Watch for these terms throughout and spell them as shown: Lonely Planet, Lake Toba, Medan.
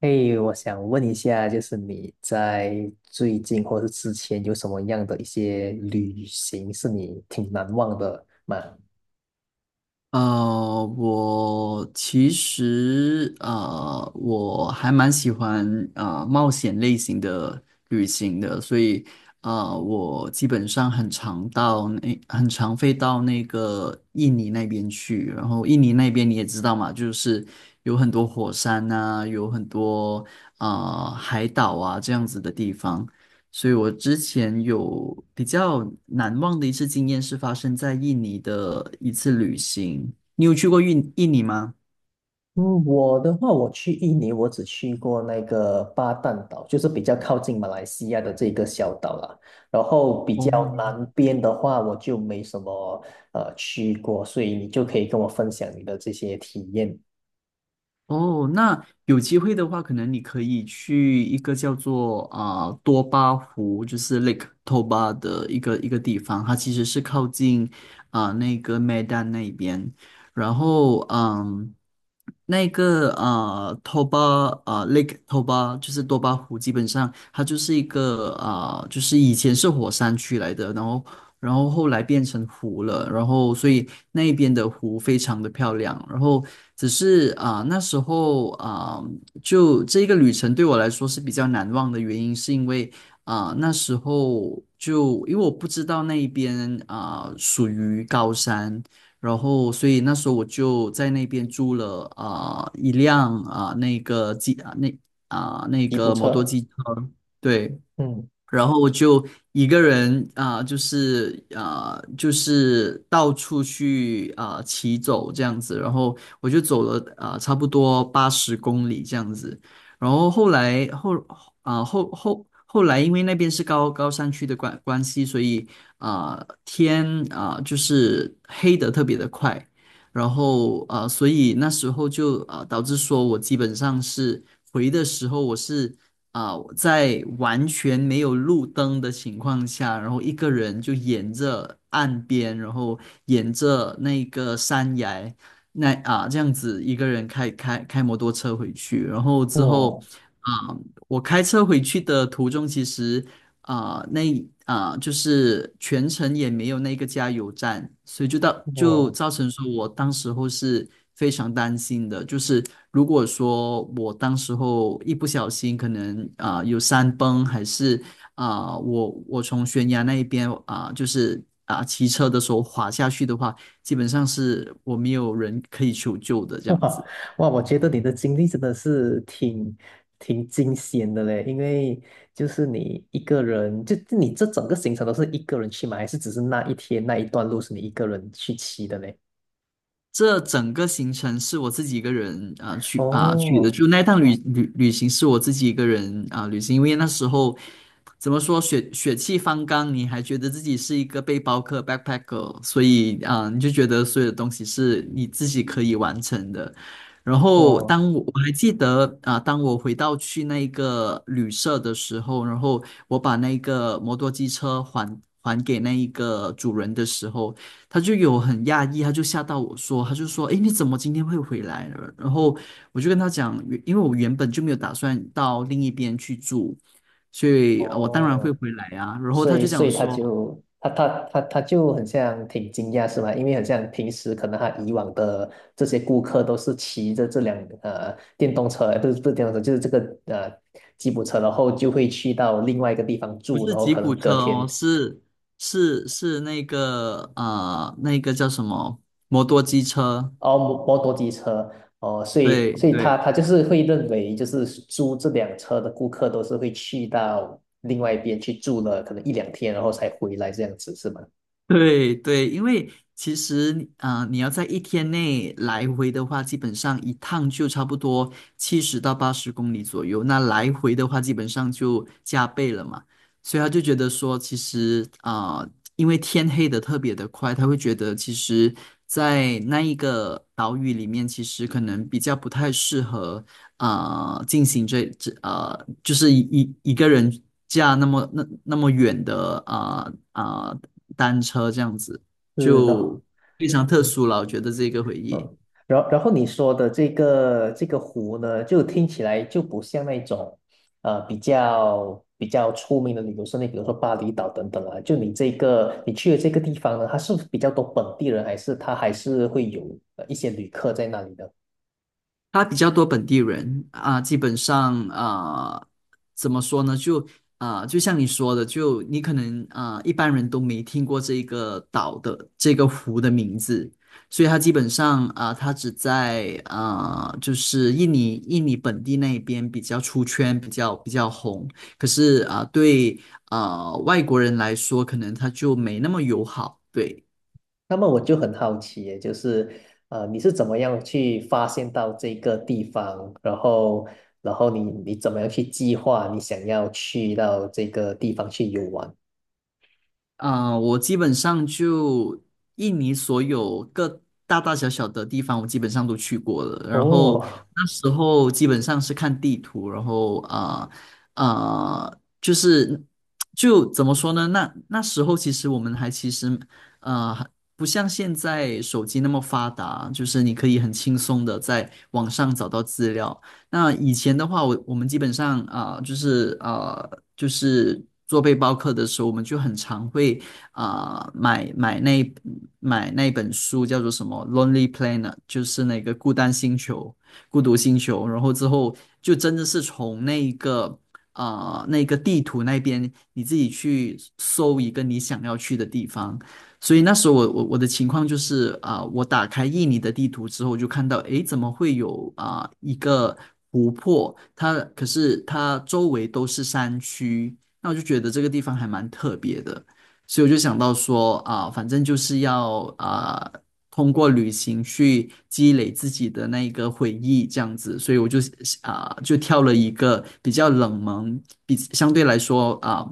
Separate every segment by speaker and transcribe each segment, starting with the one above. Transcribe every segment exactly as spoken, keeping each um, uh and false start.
Speaker 1: 嘿，我想问一下，就是你在最近或是之前有什么样的一些旅行是你挺难忘的吗？
Speaker 2: 呃，我其实呃，我还蛮喜欢呃冒险类型的旅行的，所以呃，我基本上很常到那，很常飞到那个印尼那边去。然后印尼那边你也知道嘛，就是有很多火山啊，有很多呃海岛啊这样子的地方。所以我之前有比较难忘的一次经验是发生在印尼的一次旅行。你有去过印印尼吗？
Speaker 1: 嗯，我的话，我去印尼，我只去过那个巴淡岛，就是比较靠近马来西亚的这个小岛啦。然后比
Speaker 2: 哦，
Speaker 1: 较南边的话，我就没什么呃去过，所以你就可以跟我分享你的这些体验。
Speaker 2: 哦，那有机会的话，可能你可以去一个叫做啊、多巴湖，就是 Lake Toba 的一个一个地方，它其实是靠近啊、那个 Medan 那边。然后嗯，那个啊、Toba, 啊、Lake Toba 就是多巴湖，基本上它就是一个啊、就是以前是火山区来的，然后然后后来变成湖了，然后所以那一边的湖非常的漂亮。然后只是啊、那时候啊、就这个旅程对我来说是比较难忘的原因，是因为啊、那时候就因为我不知道那一边啊、属于高山。然后，所以那时候我就在那边租了啊、一辆啊、那个机啊那啊、那
Speaker 1: 吉普
Speaker 2: 个摩托
Speaker 1: 车，
Speaker 2: 机车。对，
Speaker 1: 嗯，
Speaker 2: 然后我就一个人啊、就是啊、就是到处去啊、骑走这样子，然后我就走了啊、差不多八十公里这样子。然后后来后啊、后后后来因为那边是高高山区的关关系，所以啊、天啊、就是黑的特别的快。然后啊、所以那时候就啊、导致说我基本上是回的时候我是。啊，在完全没有路灯的情况下，然后一个人就沿着岸边，然后沿着那个山崖，那啊这样子一个人开开开摩托车回去。然后之后
Speaker 1: 我
Speaker 2: 啊，我开车回去的途中，其实啊、呃那啊、呃就是全程也没有那个加油站，所以就到就
Speaker 1: 我。
Speaker 2: 造成说我当时候是非常担心的，就是如果说我当时候一不小心可能啊、呃有山崩，还是啊、呃我我从悬崖那一边啊、就是啊、骑车的时候滑下去的话，基本上是我没有人可以求救的 这样
Speaker 1: 哇
Speaker 2: 子。
Speaker 1: 哇，我觉得你的经历真的是挺挺惊险的嘞，因为就是你一个人，就就你这整个行程都是一个人去吗？还是只是那一天那一段路是你一个人去骑的嘞？
Speaker 2: 这整个行程是我自己一个人啊、去啊、去的，
Speaker 1: 哦
Speaker 2: 就那趟旅旅旅行是我自己一个人啊、旅行，因为那时候怎么说血血气方刚，你还觉得自己是一个背包客 backpacker,所以啊、你就觉得所有的东西是你自己可以完成的。然后
Speaker 1: 哦
Speaker 2: 当我我还记得啊、当我回到去那一个旅社的时候，然后我把那个摩托机车还还给那一个主人的时候。他就有很讶异，他就吓到我说，他就说："诶，你怎么今天会回来了？"然后我就跟他讲，原因为我原本就没有打算到另一边去住，所以呃我当然会
Speaker 1: 哦，
Speaker 2: 回来啊。然后
Speaker 1: 所
Speaker 2: 他
Speaker 1: 以
Speaker 2: 就
Speaker 1: 所
Speaker 2: 讲
Speaker 1: 以他
Speaker 2: 说：
Speaker 1: 就他他他他就很像挺惊讶是吗？因为很像平时可能他以往的这些顾客都是骑着这辆呃电动车，呃不是不是电动车，就是这个呃吉普车，然后就会去到另外一个地方
Speaker 2: “不
Speaker 1: 住，然
Speaker 2: 是
Speaker 1: 后
Speaker 2: 吉
Speaker 1: 可能
Speaker 2: 普车
Speaker 1: 隔天
Speaker 2: 哦，是是是那个呃那个叫什么摩托机车？
Speaker 1: 哦摩摩托机车。哦，所
Speaker 2: 对
Speaker 1: 以所以他
Speaker 2: 对。"
Speaker 1: 他就是会认为，就是租这辆车的顾客都是会去到另外一边去住了，可能一两天，然后才回来这样子，是吗？
Speaker 2: 对对，因为其实啊、呃你要在一天内来回的话，基本上一趟就差不多七十到八十公里左右。那来回的话，基本上就加倍了嘛。所以他就觉得说，其实啊、呃因为天黑的特别的快。他会觉得其实，在那一个岛屿里面，其实可能比较不太适合啊、呃进行这这呃，就是一一一个人驾那么那那么远的啊啊、单车这样子，
Speaker 1: 是的。
Speaker 2: 就非常特
Speaker 1: 嗯
Speaker 2: 殊了。我觉得这个回忆，
Speaker 1: 嗯，然然后你说的这个这个湖呢，就听起来就不像那种，呃，比较比较出名的旅游胜地，比如说巴厘岛等等啊。就你这个你去的这个地方呢，它是比较多本地人，还是它还是会有呃一些旅客在那里的？
Speaker 2: 它比较多本地人啊，基本上啊，怎么说呢？就啊，就像你说的，就你可能啊，一般人都没听过这个岛的这个湖的名字，所以它基本上啊，它只在啊，就是印尼印尼本地那边比较出圈，比较比较红。可是啊，对啊外国人来说，可能它就没那么友好，对。
Speaker 1: 那么我就很好奇耶就是，呃，你是怎么样去发现到这个地方，然后然后你你怎么样去计划你想要去到这个地方去游玩？
Speaker 2: 啊、我基本上就印尼所有各大大小小的地方，我基本上都去过了。然后
Speaker 1: 哦，
Speaker 2: 那时候基本上是看地图，然后啊啊、呃呃就是就怎么说呢？那那时候其实我们还其实呃不像现在手机那么发达，就是你可以很轻松的在网上找到资料。那以前的话，我我们基本上啊、呃就是呃，就是做背包客的时候，我们就很常会啊、呃买买那买那本书，叫做什么《Lonely Planet》,就是那个孤单星球、孤独星球。然后之后就真的是从那一个啊呃那个地图那边，你自己去搜一个你想要去的地方。所以那时候我我我的情况就是啊、我打开印尼的地图之后，我就看到诶，怎么会有啊、一个湖泊？它可是它周围都是山区，那我就觉得这个地方还蛮特别的，所以我就想到说啊、反正就是要啊、通过旅行去积累自己的那一个回忆，这样子，所以我就啊、就挑了一个比较冷门，比相对来说啊。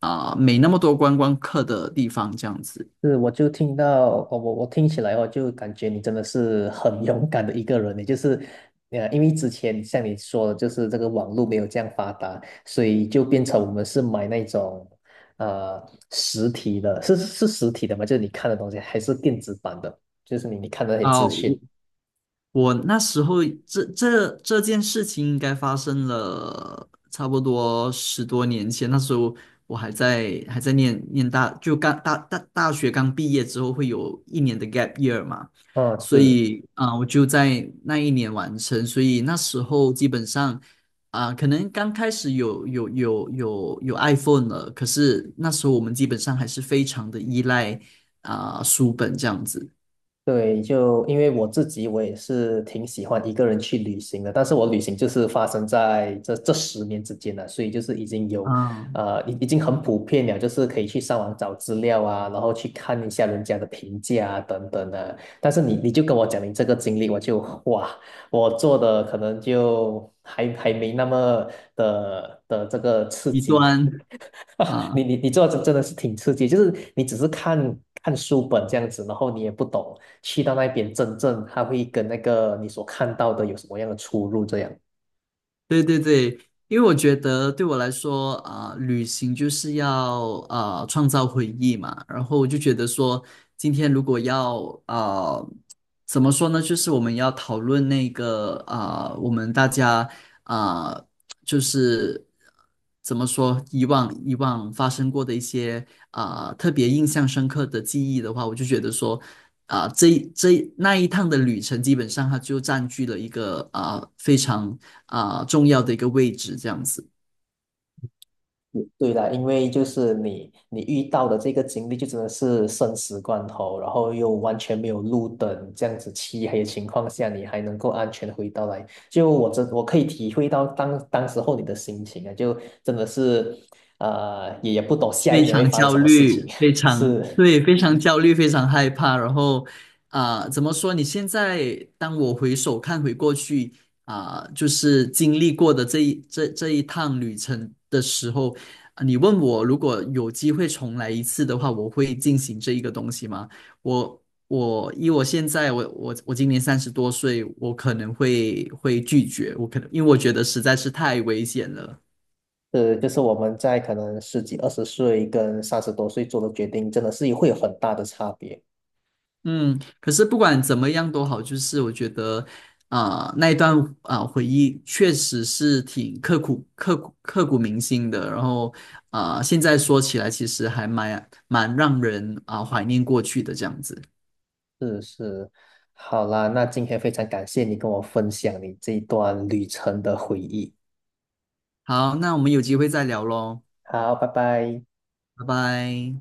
Speaker 2: 啊、没那么多观光客的地方，这样子。
Speaker 1: 是，我就听到，我我我听起来哦，就感觉你真的是很 勇敢的一个人欸，也就是，呃，因为之前像你说的，就是这个网络没有这样发达，所以就变成我们是买那种，呃，实体的，是是实体的嘛，就是你看的东西，还是电子版的，就是你你看的那些
Speaker 2: 啊、
Speaker 1: 资
Speaker 2: 我
Speaker 1: 讯。
Speaker 2: 我那时候这这这件事情应该发生了差不多十多年前，那时候我还在还在念念大，就刚大大大学刚毕业之后会有一年的 gap year 嘛，
Speaker 1: 哦，
Speaker 2: 所
Speaker 1: 是，
Speaker 2: 以啊、我就在那一年完成。所以那时候基本上啊、可能刚开始有有有有有 iPhone 了，可是那时候我们基本上还是非常的依赖啊、书本这样子
Speaker 1: 对，就因为我自己，我也是挺喜欢一个人去旅行的，但是我旅行就是发生在这这十年之间了，所以就是已经有，
Speaker 2: 啊、
Speaker 1: 呃，已已经很普遍了，就是可以去上网找资料啊，然后去看一下人家的评价啊，等等的。但是你你就跟我讲你这个经历，我就哇，我做的可能就还还没那么的的这个刺
Speaker 2: 一
Speaker 1: 激，
Speaker 2: 段。
Speaker 1: 啊，你
Speaker 2: 啊，
Speaker 1: 你你做的真真的是挺刺激，就是你只是看看书本这样子，然后你也不懂去到那边真正它会跟那个你所看到的有什么样的出入这样。
Speaker 2: 对对对，因为我觉得对我来说啊，旅行就是要啊创造回忆嘛，然后我就觉得说，今天如果要啊怎么说呢，就是我们要讨论那个啊我们大家啊就是怎么说，以往以往发生过的一些啊、特别印象深刻的记忆的话，我就觉得说啊、这这那一趟的旅程，基本上它就占据了一个啊、非常啊、重要的一个位置，这样子。
Speaker 1: 嗯对啦，因为就是你你遇到的这个经历就真的是生死关头，然后又完全没有路灯，这样子漆黑的情况下，你还能够安全地回到来，就我真我可以体会到当当时候你的心情啊，就真的是呃也也不懂下一
Speaker 2: 非
Speaker 1: 秒会
Speaker 2: 常
Speaker 1: 发生
Speaker 2: 焦
Speaker 1: 什么事情，
Speaker 2: 虑，非 常
Speaker 1: 是。
Speaker 2: 对，非常焦虑，非常害怕。然后啊、怎么说？你现在当我回首看回过去啊、就是经历过的这一这这一趟旅程的时候，啊你问我如果有机会重来一次的话，我会进行这一个东西吗？我我以我现在我我我今年三十多岁，我可能会会拒绝，我可能因为我觉得实在是太危险了。
Speaker 1: 是，就是我们在可能十几、二十岁跟三十多岁做的决定，真的是会有很大的差别。
Speaker 2: 嗯，可是不管怎么样都好，就是我觉得，啊、那一段啊、呃回忆确实是挺刻骨、刻骨、刻骨铭心的。然后啊、呃现在说起来，其实还蛮蛮让人啊、怀念过去的这样子。
Speaker 1: 是是，好啦，那今天非常感谢你跟我分享你这一段旅程的回忆。
Speaker 2: 好，那我们有机会再聊喽，
Speaker 1: 好，拜拜。
Speaker 2: 拜拜。